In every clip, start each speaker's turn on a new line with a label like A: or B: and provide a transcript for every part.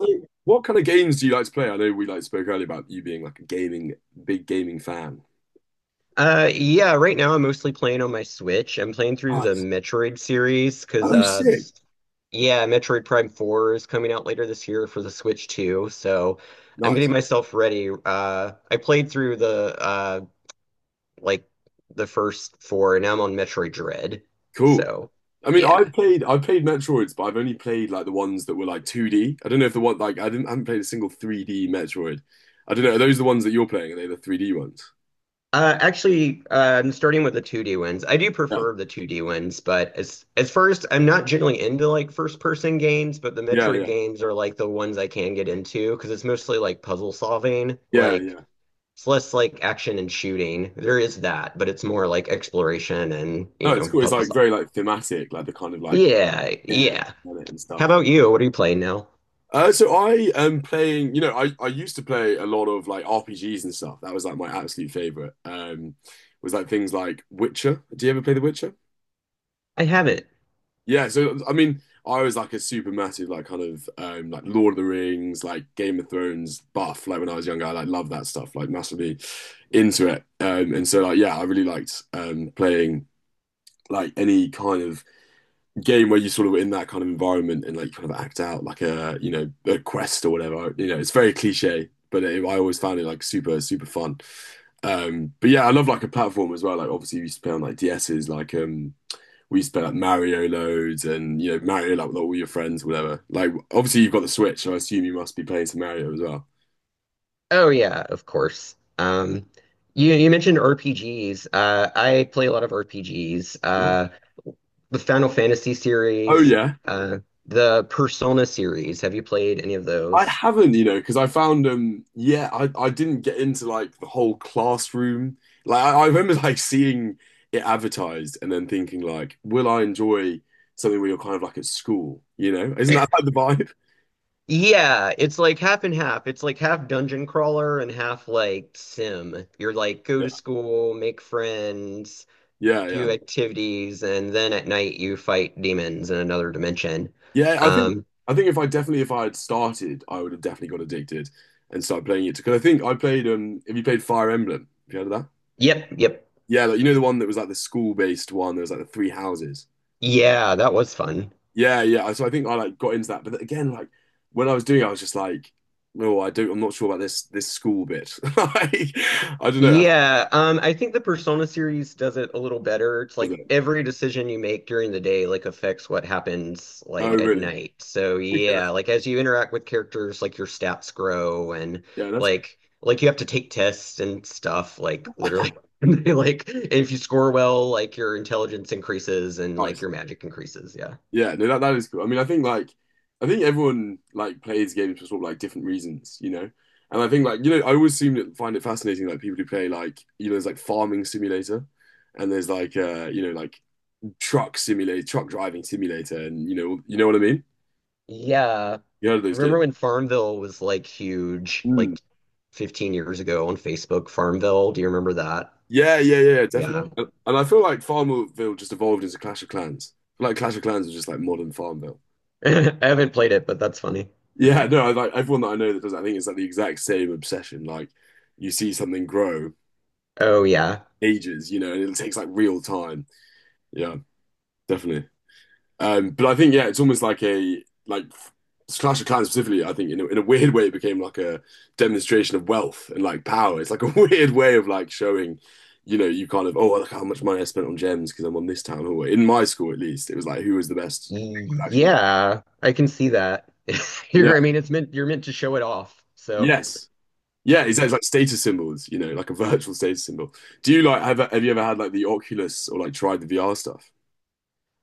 A: So, what kind of games do you like to play? I know we spoke earlier about you being like a gaming, big gaming fan.
B: Yeah, right now I'm mostly playing on my Switch. I'm playing through the
A: Nice.
B: Metroid series because
A: Oh,
B: uh,
A: sick.
B: this, yeah, Metroid Prime 4 is coming out later this year for the Switch too. So I'm
A: Nice.
B: getting myself ready. I played through the like the first four, and now I'm on Metroid Dread.
A: Cool.
B: So
A: I mean,
B: yeah.
A: I've played Metroids, but I've only played like the ones that were like 2D. I don't know if the one like I haven't played a single 3D Metroid. I don't know. Are those the ones that you're playing? Are they the 3D ones?
B: Actually, I'm starting with the 2D ones. I do
A: Yeah.
B: prefer the 2D ones, but as first, I'm not generally into like first person games, but the
A: Yeah,
B: Metroid
A: yeah.
B: games are like the ones I can get into because it's mostly like puzzle solving.
A: Yeah,
B: Like
A: yeah.
B: it's less like action and shooting. There is that, but it's more like exploration and
A: No, it's cool. It's
B: puzzle
A: like
B: solving.
A: very like thematic, like the kind of like
B: Yeah,
A: yeah
B: yeah.
A: and stuff.
B: How about you? What are you playing now?
A: So I am playing, I used to play a lot of like RPGs and stuff. That was like my absolute favorite. Was like things like Witcher. Do you ever play The Witcher?
B: I haven't.
A: Yeah. So I mean, I was like a super massive like kind of like Lord of the Rings, like Game of Thrones buff. Like when I was younger, I like loved that stuff, like massively into it. And so like yeah, I really liked playing like any kind of game where you sort of in that kind of environment and like kind of act out like a a quest or whatever. It's very cliche, but it, I always found it like super super fun. But yeah, I love like a platform as well. Like obviously we used to play on like DSs, like we used to play like Mario loads and Mario like with all your friends, whatever. Like obviously you've got the Switch, so I assume you must be playing some Mario as well.
B: Oh yeah, of course. You mentioned RPGs. I play a lot of RPGs.
A: Ooh.
B: The Final Fantasy
A: Oh
B: series,
A: yeah.
B: uh, the Persona series. Have you played any of
A: I
B: those?
A: haven't, because I found yeah, I didn't get into like the whole classroom. Like I remember like seeing it advertised and then thinking like, will I enjoy something where you're kind of like at school, you know? Isn't that like the vibe?
B: Yeah, it's like half and half. It's like half dungeon crawler and half like sim. You're like go to school, make friends,
A: Yeah, yeah, yeah.
B: do activities, and then at night you fight demons in another dimension.
A: Yeah,
B: Um,
A: I think if I definitely if I had started, I would have definitely got addicted and started playing it because I think I played have you played Fire Emblem? Have you heard of that?
B: yep, yep.
A: Yeah, like, you know the one that was like the school-based one, there was like the three houses.
B: Yeah, that was fun.
A: Yeah, yeah. So I think I like got into that, but again, like when I was doing it, I was just like, no, I do. I'm not sure about this school bit. Like, I don't know. That
B: Yeah, I think the Persona series does it a little better. It's
A: was
B: like
A: it.
B: every decision you make during the day like affects what happens
A: Oh,
B: like at
A: really?
B: night. So
A: Okay, that's-
B: yeah, like as you interact with characters, like your stats grow and
A: yeah, that's
B: like you have to take tests and stuff, like literally. And they, like if you score well, like your intelligence increases and like
A: nice.
B: your magic increases. Yeah.
A: Yeah, no, that that is cool. I mean, I think everyone like plays games for sort of like different reasons, you know. And I think like I always seem to find it fascinating like people who play like there's like farming simulator, and there's like like truck simulator, truck driving simulator, and you know what I mean?
B: Yeah.
A: You heard of those games?
B: Remember when Farmville was like huge,
A: Hmm.
B: like 15 years ago on Facebook, Farmville? Do you remember that?
A: Yeah, yeah, yeah,
B: Yeah.
A: definitely. And I feel like Farmville just evolved into Clash of Clans. Like Clash of Clans is just like modern Farmville.
B: I haven't played it, but that's funny.
A: Yeah, no, I, like everyone that I know that does that, I think it's like the exact same obsession. Like you see something grow
B: Oh yeah.
A: ages, you know, and it takes like real time. Yeah, definitely. But I think yeah, it's almost like a like Clash of Clans specifically. I think in a weird way, it became like a demonstration of wealth and like power. It's like a weird way of like showing, you know, you kind of oh look how much money I spent on gems because I'm on this town hall. In my school, at least, it was like who was the best. Actually,
B: Yeah, I can see that.
A: yeah,
B: You're, I mean, it's meant you're meant to show it off. So,
A: yes, yeah, exactly. It's like status symbols, you know, like a virtual status symbol. Do you like have you ever had like the Oculus or like tried the VR stuff?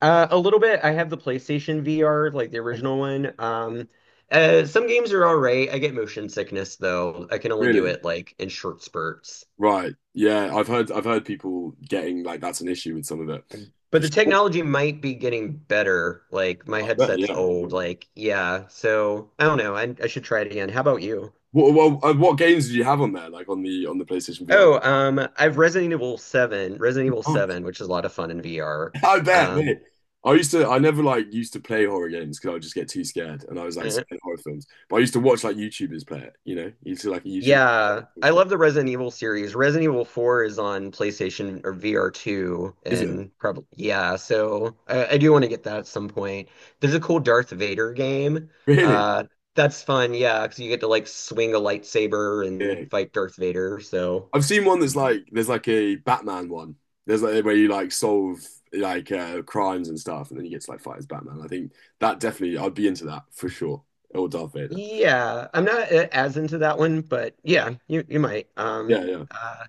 B: a little bit. I have the PlayStation VR, like the original one. Some games are all right. I get motion sickness though. I can only do
A: Really?
B: it like in short spurts.
A: Right. Yeah, I've heard people getting like that's an issue with some of it.
B: But
A: For
B: the
A: sure.
B: technology might be getting better. Like my
A: I bet,
B: headset's
A: yeah.
B: old. Like yeah. So I don't know. I should try it again. How about you?
A: What games did you have on there? Like on the PlayStation VR?
B: Oh, I've Resident Evil 7, Resident Evil
A: Nice.
B: 7, which is a lot of fun in VR.
A: I bet,
B: Um,
A: mate. I never like used to play horror games because I would just get too scared and I was like
B: eh,
A: scared of horror films. But I used to watch like YouTubers play it, you know? You used to like a YouTuber.
B: yeah, I love the Resident Evil series. Resident Evil 4 is on PlayStation or VR 2,
A: Is it?
B: and probably, yeah, so I do want to get that at some point. There's a cool Darth Vader game.
A: Really?
B: Uh, that's fun, yeah, because you get to like swing a lightsaber
A: Yeah.
B: and fight Darth Vader. So,
A: I've seen one that's like there's like a Batman one. There's like where you like solve like crimes and stuff, and then you get to like fight as Batman. I think that definitely I'd be into that for sure. Or Darth Vader.
B: yeah, I'm not as into that one, but yeah, you might.
A: Yeah, yeah.
B: Uh,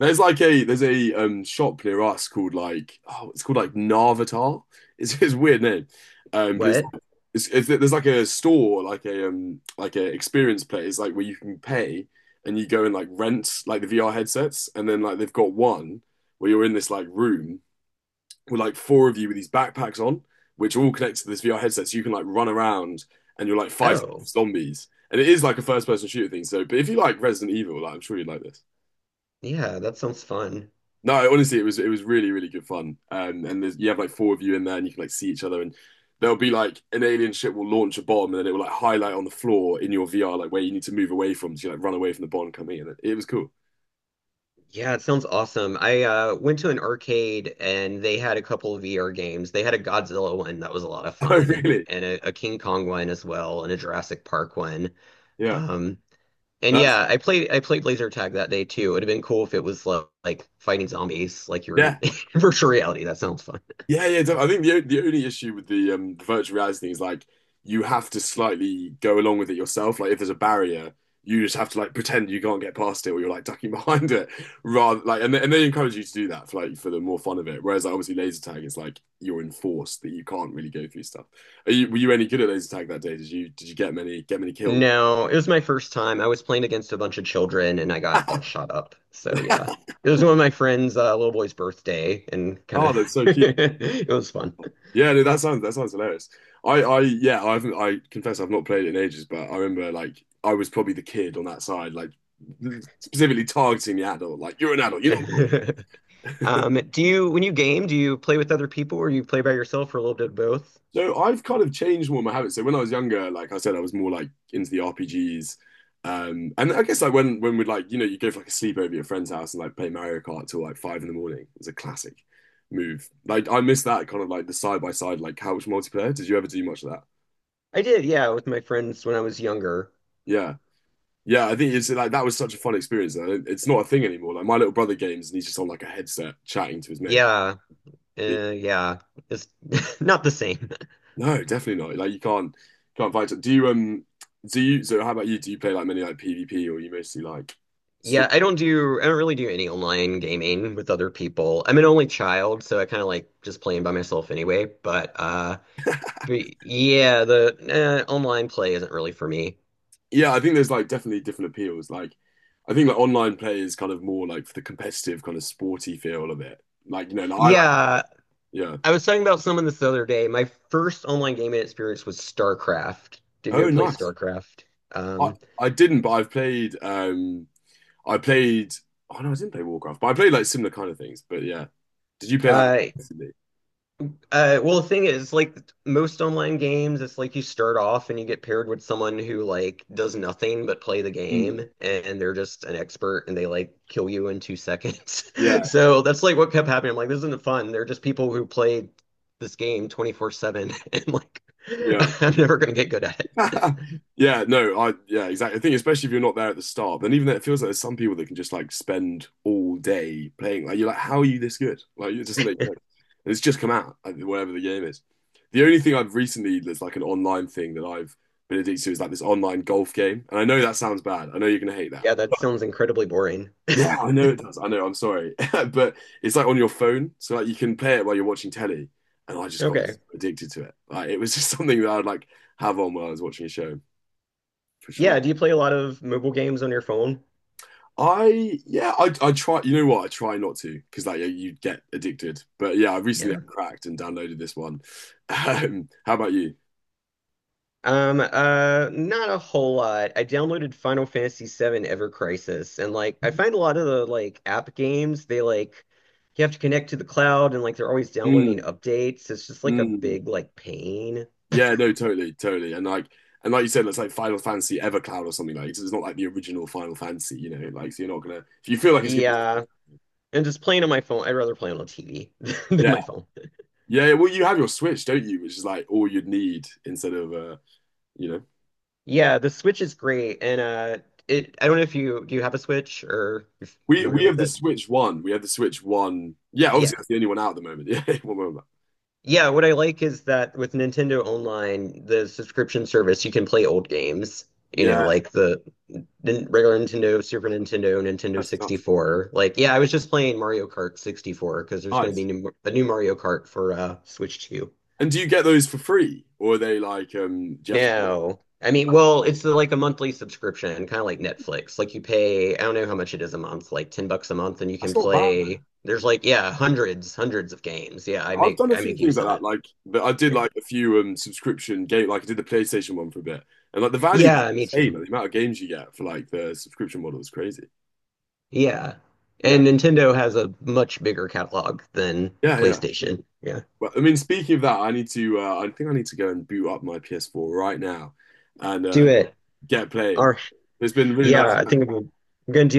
A: There's like a there's a shop near us called like oh it's called like Narvatar. It's a weird name, but it's
B: what?
A: like, it's there's like a store like a experience place like where you can pay and you go and like rent like the VR headsets and then like they've got one where you're in this like room were like four of you with these backpacks on, which are all connected to this VR headset, so you can like run around and you're like fighting off
B: Oh,
A: zombies. And it is like a first person shooter thing. So, but if you like Resident Evil, like I'm sure you'd like this.
B: yeah, that sounds fun.
A: No, honestly, it was really really good fun. And there's, you have like four of you in there, and you can like see each other. And there'll be like an alien ship will launch a bomb, and then it will like highlight on the floor in your VR like where you need to move away from, so you like run away from the bomb coming in. It was cool.
B: Yeah, it sounds awesome. I went to an arcade and they had a couple of VR games. They had a Godzilla one that was a lot of
A: Oh,
B: fun,
A: really?
B: and a King Kong one as well, and a Jurassic Park one.
A: Yeah.
B: Um, and
A: That's
B: yeah, I played laser tag that day too. It would have been cool if it was like fighting zombies, like your
A: yeah.
B: virtual reality. That sounds fun.
A: Yeah, yeah. I think the only issue with the virtual reality thing is like you have to slightly go along with it yourself. Like if there's a barrier, you just have to like pretend you can't get past it, or you're like ducking behind it, rather like and they encourage you to do that for like for the more fun of it. Whereas like obviously laser tag is like you're enforced that you can't really go through stuff. Were you any good at laser tag that day? Did you get many kills?
B: No, it was my first time. I was playing against a bunch of children and I got all shot up. So yeah. It was one of my friend's little boy's birthday and kind
A: Oh,
B: of
A: that's so cute.
B: it was fun.
A: Yeah, no, that sounds hilarious. Yeah, I haven't. I confess, I've not played it in ages, but I remember like I was probably the kid on that side, like specifically targeting the adult. Like you're an adult, you're not.
B: Do you when you game, do you play with other people or you play by yourself or a little bit of both?
A: So I've kind of changed more of my habits. So when I was younger, like I said, I was more like into the RPGs, and I guess like when we'd like you go for like a sleepover at your friend's house and like play Mario Kart till like 5 in the morning. It was a classic move. Like I miss that kind of like the side by side like couch multiplayer. Did you ever do much of that?
B: I did, yeah, with my friends when I was younger.
A: Yeah. Yeah, I think it's like that was such a fun experience. I don't- It's not a thing anymore. Like my little brother games, and he's just on like a headset chatting to his mate.
B: Yeah.
A: But-
B: Yeah. It's not the same.
A: No, definitely not. Like you can't fight. Do you so how about you? Do you play like many like PvP or you mostly like
B: Yeah,
A: stalk?
B: I don't really do any online gaming with other people. I'm an only child, so I kind of like just playing by myself anyway, but But yeah, the online play isn't really for me.
A: Yeah, I think there's like definitely different appeals. Like I think like online play is kind of more like for the competitive kind of sporty feel of it. Like you know, like, I like
B: Yeah,
A: yeah.
B: I was talking about someone this other day. My first online gaming experience was StarCraft. Did you ever
A: Oh,
B: play
A: nice.
B: StarCraft?
A: I
B: Um,
A: I didn't, but I've played I played. Oh no, I didn't play Warcraft, but I played like similar kind of things. But yeah. Did you play that
B: uh,
A: recently?
B: Well, the thing is, like most online games, it's like you start off and you get paired with someone who like does nothing but play the
A: Mm.
B: game, and they're just an expert, and they like kill you in 2 seconds.
A: Yeah,
B: So that's like what kept happening. I'm like, this isn't fun. They're just people who played this game 24/7, and like
A: yeah,
B: I'm never gonna get good at it.
A: yeah. Yeah, no, I yeah, exactly. I think especially if you're not there at the start, then even though it feels like there's some people that can just like spend all day playing. Like you're like, how are you this good? Like it doesn't make sense. And it's just come out, like, whatever the game is. The only thing I've recently that's like an online thing that I've been addicted to is like this online golf game. And I know that sounds bad. I know you're gonna hate that.
B: Yeah, that sounds incredibly boring.
A: Yeah, I know it does. I know. I'm sorry, but it's like on your phone, so like you can play it while you're watching telly, and I just got so
B: Okay.
A: addicted to it. Like it was just something that I'd like have on while I was watching a show for sure.
B: Yeah, do you play a lot of mobile games on your phone?
A: I yeah, I try. You know what? I try not to because like you get addicted. But yeah, I recently
B: Yeah.
A: I cracked and downloaded this one. How about you?
B: Not a whole lot. I downloaded Final Fantasy VII Ever Crisis, and like I find a lot of the like app games, they like you have to connect to the cloud and like they're always downloading
A: Mm,
B: updates. It's just like a
A: mm.
B: big like pain.
A: Yeah, no, totally, totally. And like you said, it's like Final Fantasy Evercloud or something like. It's not like the original Final Fantasy, you know. Like so you're not gonna if you feel like it's gonna be.
B: Yeah. And just playing on my phone, I'd rather play on a TV than my phone.
A: Yeah, well, you have your Switch, don't you? Which is like all you'd need instead of you know.
B: Yeah, the Switch is great, and it I don't know if you do you have a Switch or you're
A: We
B: familiar
A: we have
B: with
A: the
B: it.
A: Switch One. We have the Switch One. Yeah, obviously
B: Yeah.
A: that's the only one out at the moment. Yeah, one moment.
B: Yeah, what I like is that with Nintendo Online, the subscription service, you can play old games, you know,
A: Yeah,
B: like the regular Nintendo, Super Nintendo, Nintendo
A: that's class.
B: 64. Like, yeah, I was just playing Mario Kart 64 because there's going to be
A: Nice.
B: a new Mario Kart for Switch 2.
A: And do you get those for free, or are they like Do you have to pay?
B: No. I mean, well, it's the, like a monthly subscription, kind of like Netflix. Like you pay, I don't know how much it is a month, like $10 a month and you
A: That's
B: can
A: not bad,
B: play
A: man.
B: there's like yeah, hundreds of games. Yeah, I
A: I've done
B: make
A: a
B: I
A: few
B: make
A: things
B: use
A: like
B: of
A: that.
B: it.
A: Like but I did
B: Yeah.
A: like a few subscription game. Like I did the PlayStation one for a bit, and like the value
B: Yeah, me
A: is insane.
B: too.
A: Like, the amount of games you get for like the subscription model is crazy.
B: Yeah.
A: Yeah,
B: And Nintendo has a much bigger catalog than
A: yeah, yeah.
B: PlayStation. Yeah.
A: Well, I mean, speaking of that, I need to. I think I need to go and boot up my PS4 right now and
B: Do it.
A: get playing.
B: Or
A: It's been really
B: yeah,
A: nice
B: I think I'm gonna do this.